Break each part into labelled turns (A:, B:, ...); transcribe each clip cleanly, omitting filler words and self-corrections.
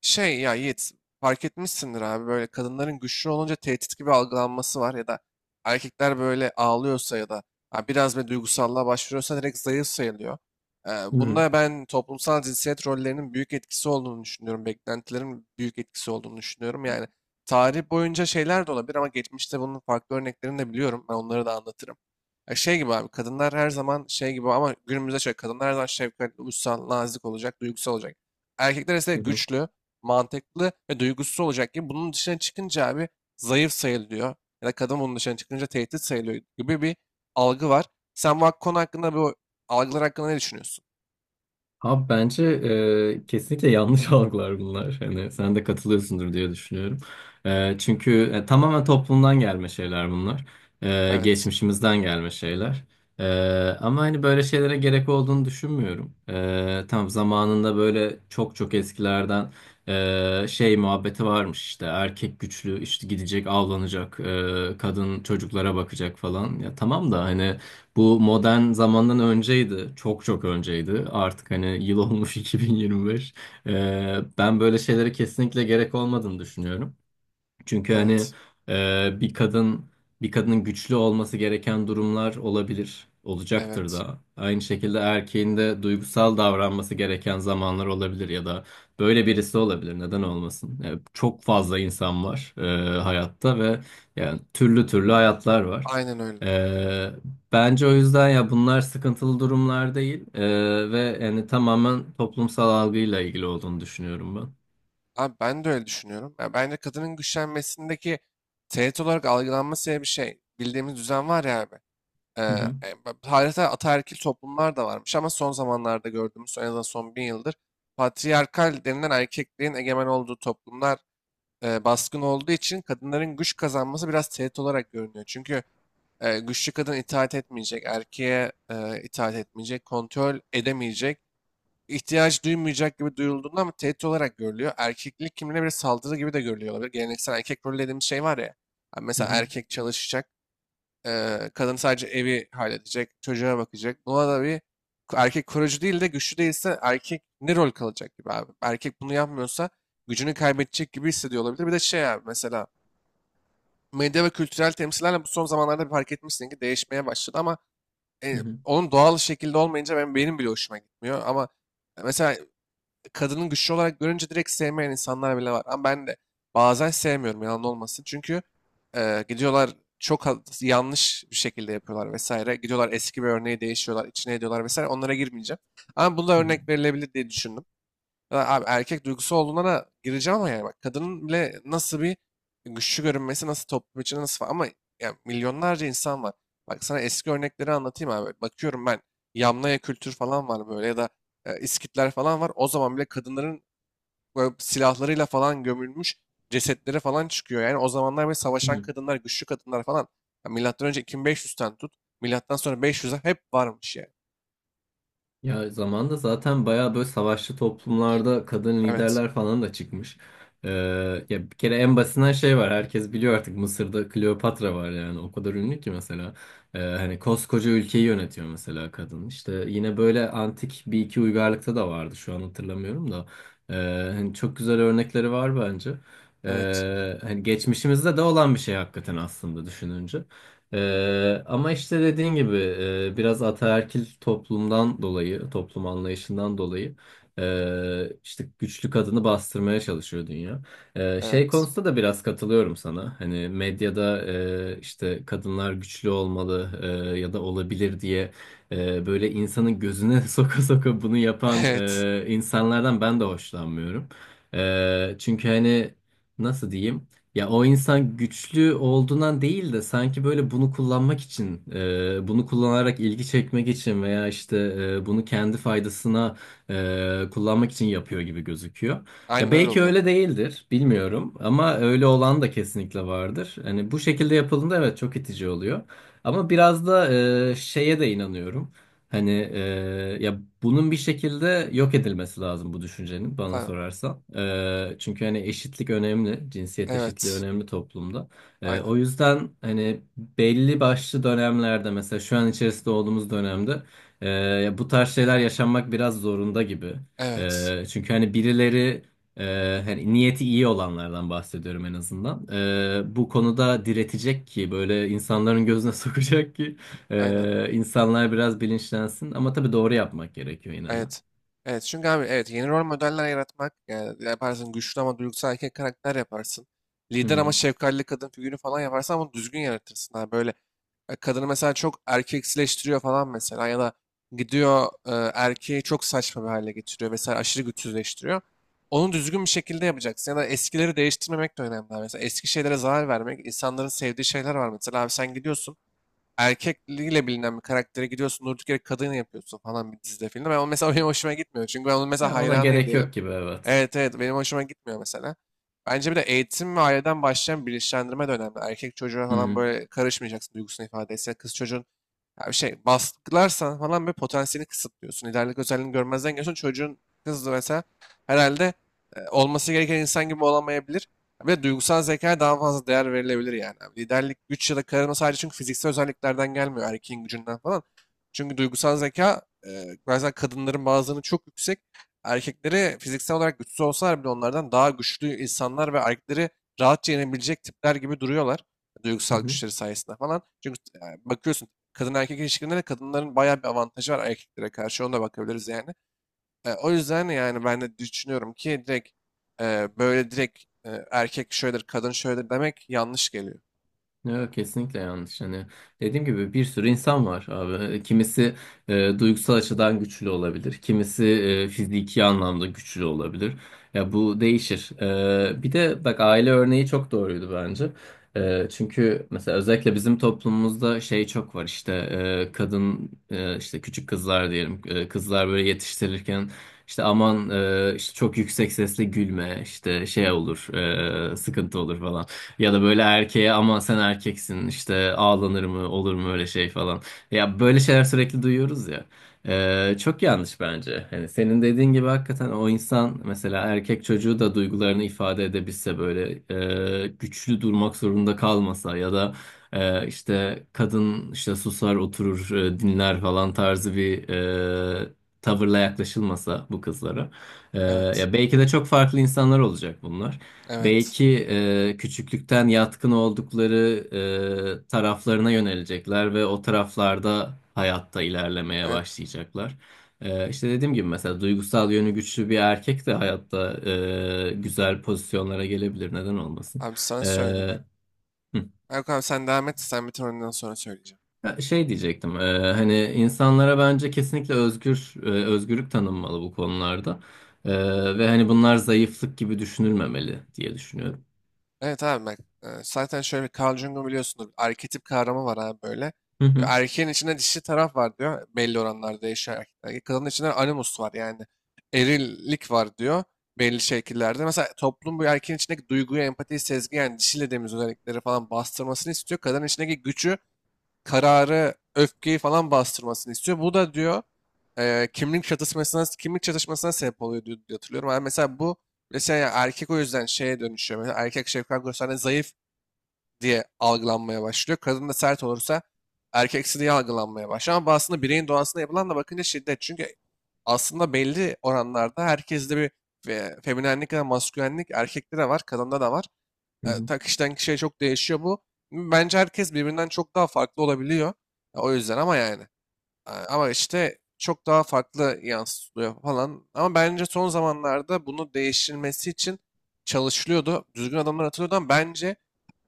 A: Şey ya Yiğit fark etmişsindir abi böyle kadınların güçlü olunca tehdit gibi algılanması var ya da erkekler böyle ağlıyorsa ya da ha, biraz bir duygusallığa başvuruyorsa direkt zayıf sayılıyor. Ee,
B: Hı hı.
A: bunda ben toplumsal cinsiyet rollerinin büyük etkisi olduğunu düşünüyorum. Beklentilerin büyük etkisi olduğunu düşünüyorum. Yani tarih boyunca şeyler de olabilir ama geçmişte bunun farklı örneklerini de biliyorum. Ben onları da anlatırım. Ya şey gibi abi kadınlar her zaman şey gibi ama günümüzde şöyle kadınlar her zaman şefkatli, uysal, nazik olacak, duygusal olacak. Erkekler ise
B: Hı hı.
A: güçlü, mantıklı ve duygusuz olacak gibi bunun dışına çıkınca abi zayıf sayılıyor ya da kadın bunun dışına çıkınca tehdit sayılıyor gibi bir algı var. Sen bu konu hakkında, bu algılar hakkında ne düşünüyorsun?
B: Abi bence kesinlikle yanlış algılar bunlar. Hani sen de katılıyorsundur diye düşünüyorum. Çünkü tamamen toplumdan gelme şeyler bunlar.
A: Evet,
B: Geçmişimizden gelme şeyler. E, Ama hani böyle şeylere gerek olduğunu düşünmüyorum. Tam zamanında böyle çok çok eskilerden şey muhabbeti varmış işte erkek güçlü işte gidecek avlanacak kadın çocuklara bakacak falan. Ya tamam da hani. Bu modern zamandan önceydi. Çok çok önceydi. Artık hani yıl olmuş 2025. Ben böyle şeylere kesinlikle gerek olmadığını düşünüyorum. Çünkü hani
A: evet,
B: e, bir kadın bir kadının güçlü olması gereken durumlar olabilir, olacaktır
A: evet.
B: da. Aynı şekilde erkeğin de duygusal davranması gereken zamanlar olabilir ya da böyle birisi olabilir. Neden olmasın? Yani çok fazla insan var hayatta ve yani türlü türlü hayatlar var.
A: Aynen öyle.
B: E, Bence o yüzden ya bunlar sıkıntılı durumlar değil, ve yani tamamen toplumsal algıyla ilgili olduğunu düşünüyorum ben.
A: Abi ben de öyle düşünüyorum. Ya bence kadının güçlenmesindeki tehdit olarak algılanması diye bir şey. Bildiğimiz düzen var ya abi. Ee,
B: Hı hı,
A: tarihte ataerkil toplumlar da varmış ama son zamanlarda gördüğümüz, en azından son bin yıldır patriarkal denilen erkekliğin egemen olduğu toplumlar baskın olduğu için kadınların güç kazanması biraz tehdit olarak görünüyor. Çünkü güçlü kadın itaat etmeyecek, erkeğe itaat etmeyecek, kontrol edemeyecek, ihtiyaç duymayacak gibi duyulduğunda ama tehdit olarak görülüyor. Erkeklik kimliğine bir saldırı gibi de görülüyor olabilir. Geleneksel erkek rolü dediğimiz şey var ya. Hani
B: hı
A: mesela
B: hı,
A: erkek çalışacak, kadın sadece evi halledecek, çocuğa bakacak. Buna da bir, erkek koruyucu değil de güçlü değilse erkek ne rol kalacak gibi abi. Erkek bunu yapmıyorsa gücünü kaybedecek gibi hissediyor olabilir. Bir de şey abi, mesela medya ve kültürel temsillerle bu son zamanlarda bir, fark etmişsin ki değişmeye başladı ama e,
B: hı
A: onun doğal şekilde olmayınca ben benim bile hoşuma gitmiyor ama mesela kadının güçlü olarak görünce direkt sevmeyen insanlar bile var ama ben de bazen sevmiyorum, yalan olmasın, çünkü gidiyorlar çok yanlış bir şekilde yapıyorlar vesaire, gidiyorlar eski bir örneği değişiyorlar, içine ediyorlar vesaire, onlara girmeyeceğim ama bunda
B: hı,
A: örnek verilebilir diye düşündüm. Ya abi, erkek duygusu olduğuna da gireceğim ama yani, bak kadının bile nasıl bir güçlü görünmesi, nasıl toplum içinde nasıl falan. Ama yani milyonlarca insan var. Bak sana eski örnekleri anlatayım abi. Bakıyorum ben, Yamnaya kültür falan var böyle, ya da İskitler falan var. O zaman bile kadınların böyle silahlarıyla falan gömülmüş cesetleri falan çıkıyor. Yani o zamanlar böyle
B: hı
A: savaşan
B: hı.
A: kadınlar, güçlü kadınlar falan. Ya milattan önce 2500'ten tut, milattan sonra 500'e hep varmış yani.
B: Ya zamanda zaten bayağı böyle savaşçı toplumlarda kadın
A: Evet,
B: liderler falan da çıkmış. Ee, Ya bir kere en basitinden şey var. Herkes biliyor artık Mısır'da Kleopatra var yani. O kadar ünlü ki mesela. Hani koskoca ülkeyi yönetiyor mesela kadın. İşte yine böyle antik bir iki uygarlıkta da vardı. Şu an hatırlamıyorum da. Ee, Hani çok güzel örnekleri var bence.
A: evet,
B: Hani geçmişimizde de olan bir şey hakikaten aslında düşününce. Ama işte dediğin gibi biraz ataerkil toplumdan dolayı, toplum anlayışından dolayı işte güçlü kadını bastırmaya çalışıyor dünya. Şey
A: evet,
B: konusunda da biraz katılıyorum sana. Hani medyada işte kadınlar güçlü olmalı ya da olabilir diye böyle insanın gözüne soka soka bunu yapan
A: evet.
B: insanlardan ben de hoşlanmıyorum. Çünkü hani nasıl diyeyim? Ya o insan güçlü olduğundan değil de sanki böyle bunu kullanmak için, bunu kullanarak ilgi çekmek için veya işte bunu kendi faydasına kullanmak için yapıyor gibi gözüküyor. Ya
A: Aynen öyle
B: belki
A: oluyor.
B: öyle değildir, bilmiyorum ama öyle olan da kesinlikle vardır. Hani bu şekilde yapıldığında evet çok itici oluyor. Ama biraz da şeye de inanıyorum. Hani ya bunun bir şekilde yok edilmesi lazım bu düşüncenin bana
A: Tamam.
B: sorarsan. Çünkü hani eşitlik önemli, cinsiyet eşitliği
A: Evet.
B: önemli toplumda.
A: Aynen.
B: O yüzden hani belli başlı dönemlerde mesela şu an içerisinde olduğumuz dönemde ya bu tarz şeyler yaşanmak biraz zorunda gibi.
A: Evet.
B: Çünkü hani birileri hani niyeti iyi olanlardan bahsediyorum en azından. Bu konuda diretecek ki böyle insanların gözüne sokacak ki.
A: Aynen.
B: İnsanlar biraz bilinçlensin ama tabii doğru yapmak gerekiyor yine de.
A: Evet. Evet. Çünkü abi evet, yeni rol modeller yaratmak yani, yaparsın güçlü ama duygusal erkek karakter yaparsın.
B: Hı
A: Lider ama
B: hı.
A: şefkatli kadın figürü falan yaparsan ama düzgün yaratırsın abi. Böyle kadını mesela çok erkeksileştiriyor falan mesela, ya da gidiyor erkeği çok saçma bir hale getiriyor. Mesela aşırı güçsüzleştiriyor. Onu düzgün bir şekilde yapacaksın. Ya da eskileri değiştirmemek de önemli abi. Mesela eski şeylere zarar vermek. İnsanların sevdiği şeyler var. Mesela abi, sen gidiyorsun, erkekliğiyle bilinen bir karaktere gidiyorsun, durduk yere kadın yapıyorsun falan bir dizide, filmde. Ben o, mesela benim hoşuma gitmiyor. Çünkü ben onun mesela
B: Ya ona
A: hayranıyım
B: gerek
A: diyelim.
B: yok gibi, evet.
A: Evet evet, benim hoşuma gitmiyor mesela. Bence bir de eğitim ve aileden başlayan bilinçlendirme de önemli. Erkek çocuğa
B: Hı
A: falan
B: hı.
A: böyle karışmayacaksın duygusunu ifade etse. Kız çocuğun, ya bir şey baskılarsan falan bir potansiyelini kısıtlıyorsun. Liderlik özelliğini görmezden geliyorsun. Çocuğun, kızı mesela, herhalde olması gereken insan gibi olamayabilir. Bir de duygusal zekaya daha fazla değer verilebilir yani. Abi liderlik, güç ya da karizma sadece çünkü fiziksel özelliklerden gelmiyor. Erkeğin gücünden falan. Çünkü duygusal zeka bazen kadınların, bazılarının çok yüksek, erkekleri fiziksel olarak güçsüz olsalar bile onlardan daha güçlü insanlar ve erkekleri rahatça yenebilecek tipler gibi duruyorlar.
B: Hı
A: Duygusal
B: hı.
A: güçleri sayesinde falan. Çünkü bakıyorsun kadın erkek ilişkilerinde de kadınların bayağı bir avantajı var erkeklere karşı. Ona da bakabiliriz yani. O yüzden yani ben de düşünüyorum ki direkt böyle direkt erkek şöyledir, kadın şöyledir demek yanlış geliyor.
B: Yok, kesinlikle yanlış. Hani dediğim gibi bir sürü insan var abi. Kimisi duygusal açıdan güçlü olabilir. Kimisi fiziki anlamda güçlü olabilir. Ya bu değişir. Bir de bak, aile örneği çok doğruydu bence. Çünkü mesela özellikle bizim toplumumuzda şey çok var işte, kadın işte küçük kızlar diyelim, kızlar böyle yetiştirirken işte aman işte çok yüksek sesle gülme işte şey olur, sıkıntı olur falan. Ya da böyle erkeğe ama sen erkeksin işte, ağlanır mı, olur mu öyle şey falan. Ya böyle şeyler sürekli duyuyoruz ya. Çok yanlış bence. Hani senin dediğin gibi hakikaten o insan mesela erkek çocuğu da duygularını ifade edebilse, böyle güçlü durmak zorunda kalmasa ya da işte kadın işte susar oturur dinler falan tarzı bir e, tavırla yaklaşılmasa bu kızlara. E,
A: Evet.
B: Ya belki de çok farklı insanlar olacak bunlar.
A: Evet.
B: Belki küçüklükten yatkın oldukları taraflarına yönelecekler ve o taraflarda hayatta ilerlemeye
A: Evet.
B: başlayacaklar. İşte dediğim gibi mesela duygusal yönü güçlü bir erkek de hayatta güzel pozisyonlara gelebilir. Neden olmasın?
A: Abi sana söyleyeyim. Hani.
B: Hı.
A: Yok abi, sen devam et. Sen bitir, ondan sonra söyleyeceğim.
B: Ha, şey diyecektim. Hani insanlara bence kesinlikle özgürlük tanınmalı bu konularda. Ve hani bunlar zayıflık gibi düşünülmemeli diye düşünüyorum.
A: Evet abi bak, zaten şöyle bir, Carl Jung'un biliyorsunuz arketip kavramı var abi böyle.
B: Hı
A: Ya,
B: hı.
A: erkeğin içinde dişi taraf var diyor. Belli oranlarda değişiyor erkeklerde. Kadının içinde animus var yani. Erillik var diyor. Belli şekillerde. Mesela toplum bu erkeğin içindeki duyguyu, empatiyi, sezgi, yani dişi dediğimiz özellikleri falan bastırmasını istiyor. Kadının içindeki gücü, kararı, öfkeyi falan bastırmasını istiyor. Bu da diyor kimlik çatışmasına sebep oluyor diye diye hatırlıyorum. Yani mesela bu, mesela ya erkek o yüzden şeye dönüşüyor. Mesela erkek şefkat gösterdiğinde zayıf diye algılanmaya başlıyor. Kadın da sert olursa erkeksi diye algılanmaya başlıyor. Ama bu aslında bireyin doğasına yapılan, da bakınca şiddet. Çünkü aslında belli oranlarda herkeste bir feminenlik ya da maskülenlik erkekte de var, kadında da var.
B: Hı
A: Eee,
B: hı.
A: ta kişiden kişiye çok değişiyor bu. Bence herkes birbirinden çok daha farklı olabiliyor. Ya, o yüzden ama yani. Ama işte çok daha farklı yansıtılıyor falan. Ama bence son zamanlarda bunu değiştirilmesi için çalışılıyordu. Düzgün adamlar atılıyordu ama bence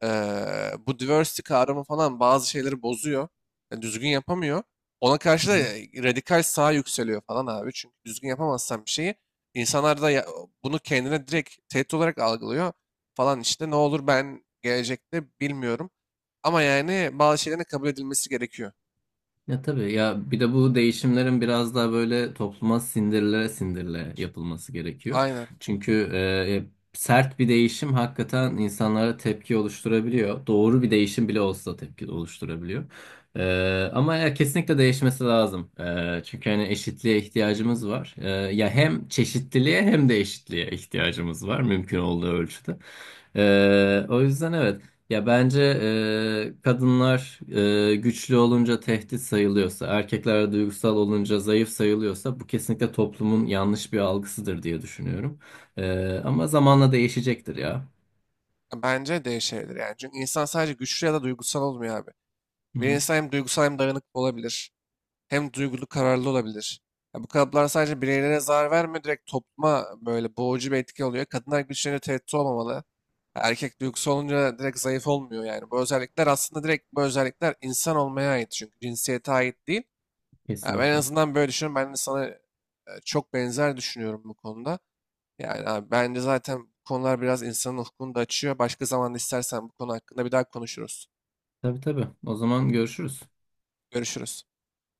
A: bu diversity kavramı falan bazı şeyleri bozuyor. Yani düzgün yapamıyor. Ona karşı da
B: Hı hı.
A: radikal sağ yükseliyor falan abi. Çünkü düzgün yapamazsan bir şeyi, insanlar da bunu kendine direkt tehdit olarak algılıyor falan işte. Ne olur ben gelecekte bilmiyorum. Ama yani bazı şeylerin kabul edilmesi gerekiyor.
B: Ya tabii, ya bir de bu değişimlerin biraz daha böyle topluma sindirile sindirile yapılması gerekiyor.
A: Aynen.
B: Çünkü e, sert bir değişim hakikaten insanlara tepki oluşturabiliyor. Doğru bir değişim bile olsa tepki oluşturabiliyor. E, Ama ya kesinlikle değişmesi lazım. Çünkü hani eşitliğe ihtiyacımız var. Ya hem çeşitliliğe hem de eşitliğe ihtiyacımız var mümkün olduğu ölçüde. O yüzden evet, ya bence kadınlar güçlü olunca tehdit sayılıyorsa, erkekler duygusal olunca zayıf sayılıyorsa bu kesinlikle toplumun yanlış bir algısıdır diye düşünüyorum. Ama zamanla değişecektir ya.
A: Bence değişebilir yani. Çünkü insan sadece güçlü ya da duygusal olmuyor abi.
B: Hı
A: Bir
B: hı,
A: insan hem duygusal hem dayanıklı olabilir, hem duygulu, kararlı olabilir. Ya bu kalıplar sadece bireylere zarar vermiyor, direkt topluma böyle boğucu bir etki oluyor. Kadınlar güçlerine tehdit olmamalı. Erkek duygusu olunca direkt zayıf olmuyor yani. Bu özellikler aslında, direkt bu özellikler insan olmaya ait, çünkü cinsiyete ait değil. Ya ben en
B: kesinlikle.
A: azından böyle düşünüyorum. Ben de sana çok benzer düşünüyorum bu konuda. Yani abi bence zaten bu konular biraz insanın ufkunu da açıyor. Başka zaman istersen bu konu hakkında bir daha konuşuruz.
B: Tabii tabii. O zaman görüşürüz.
A: Görüşürüz.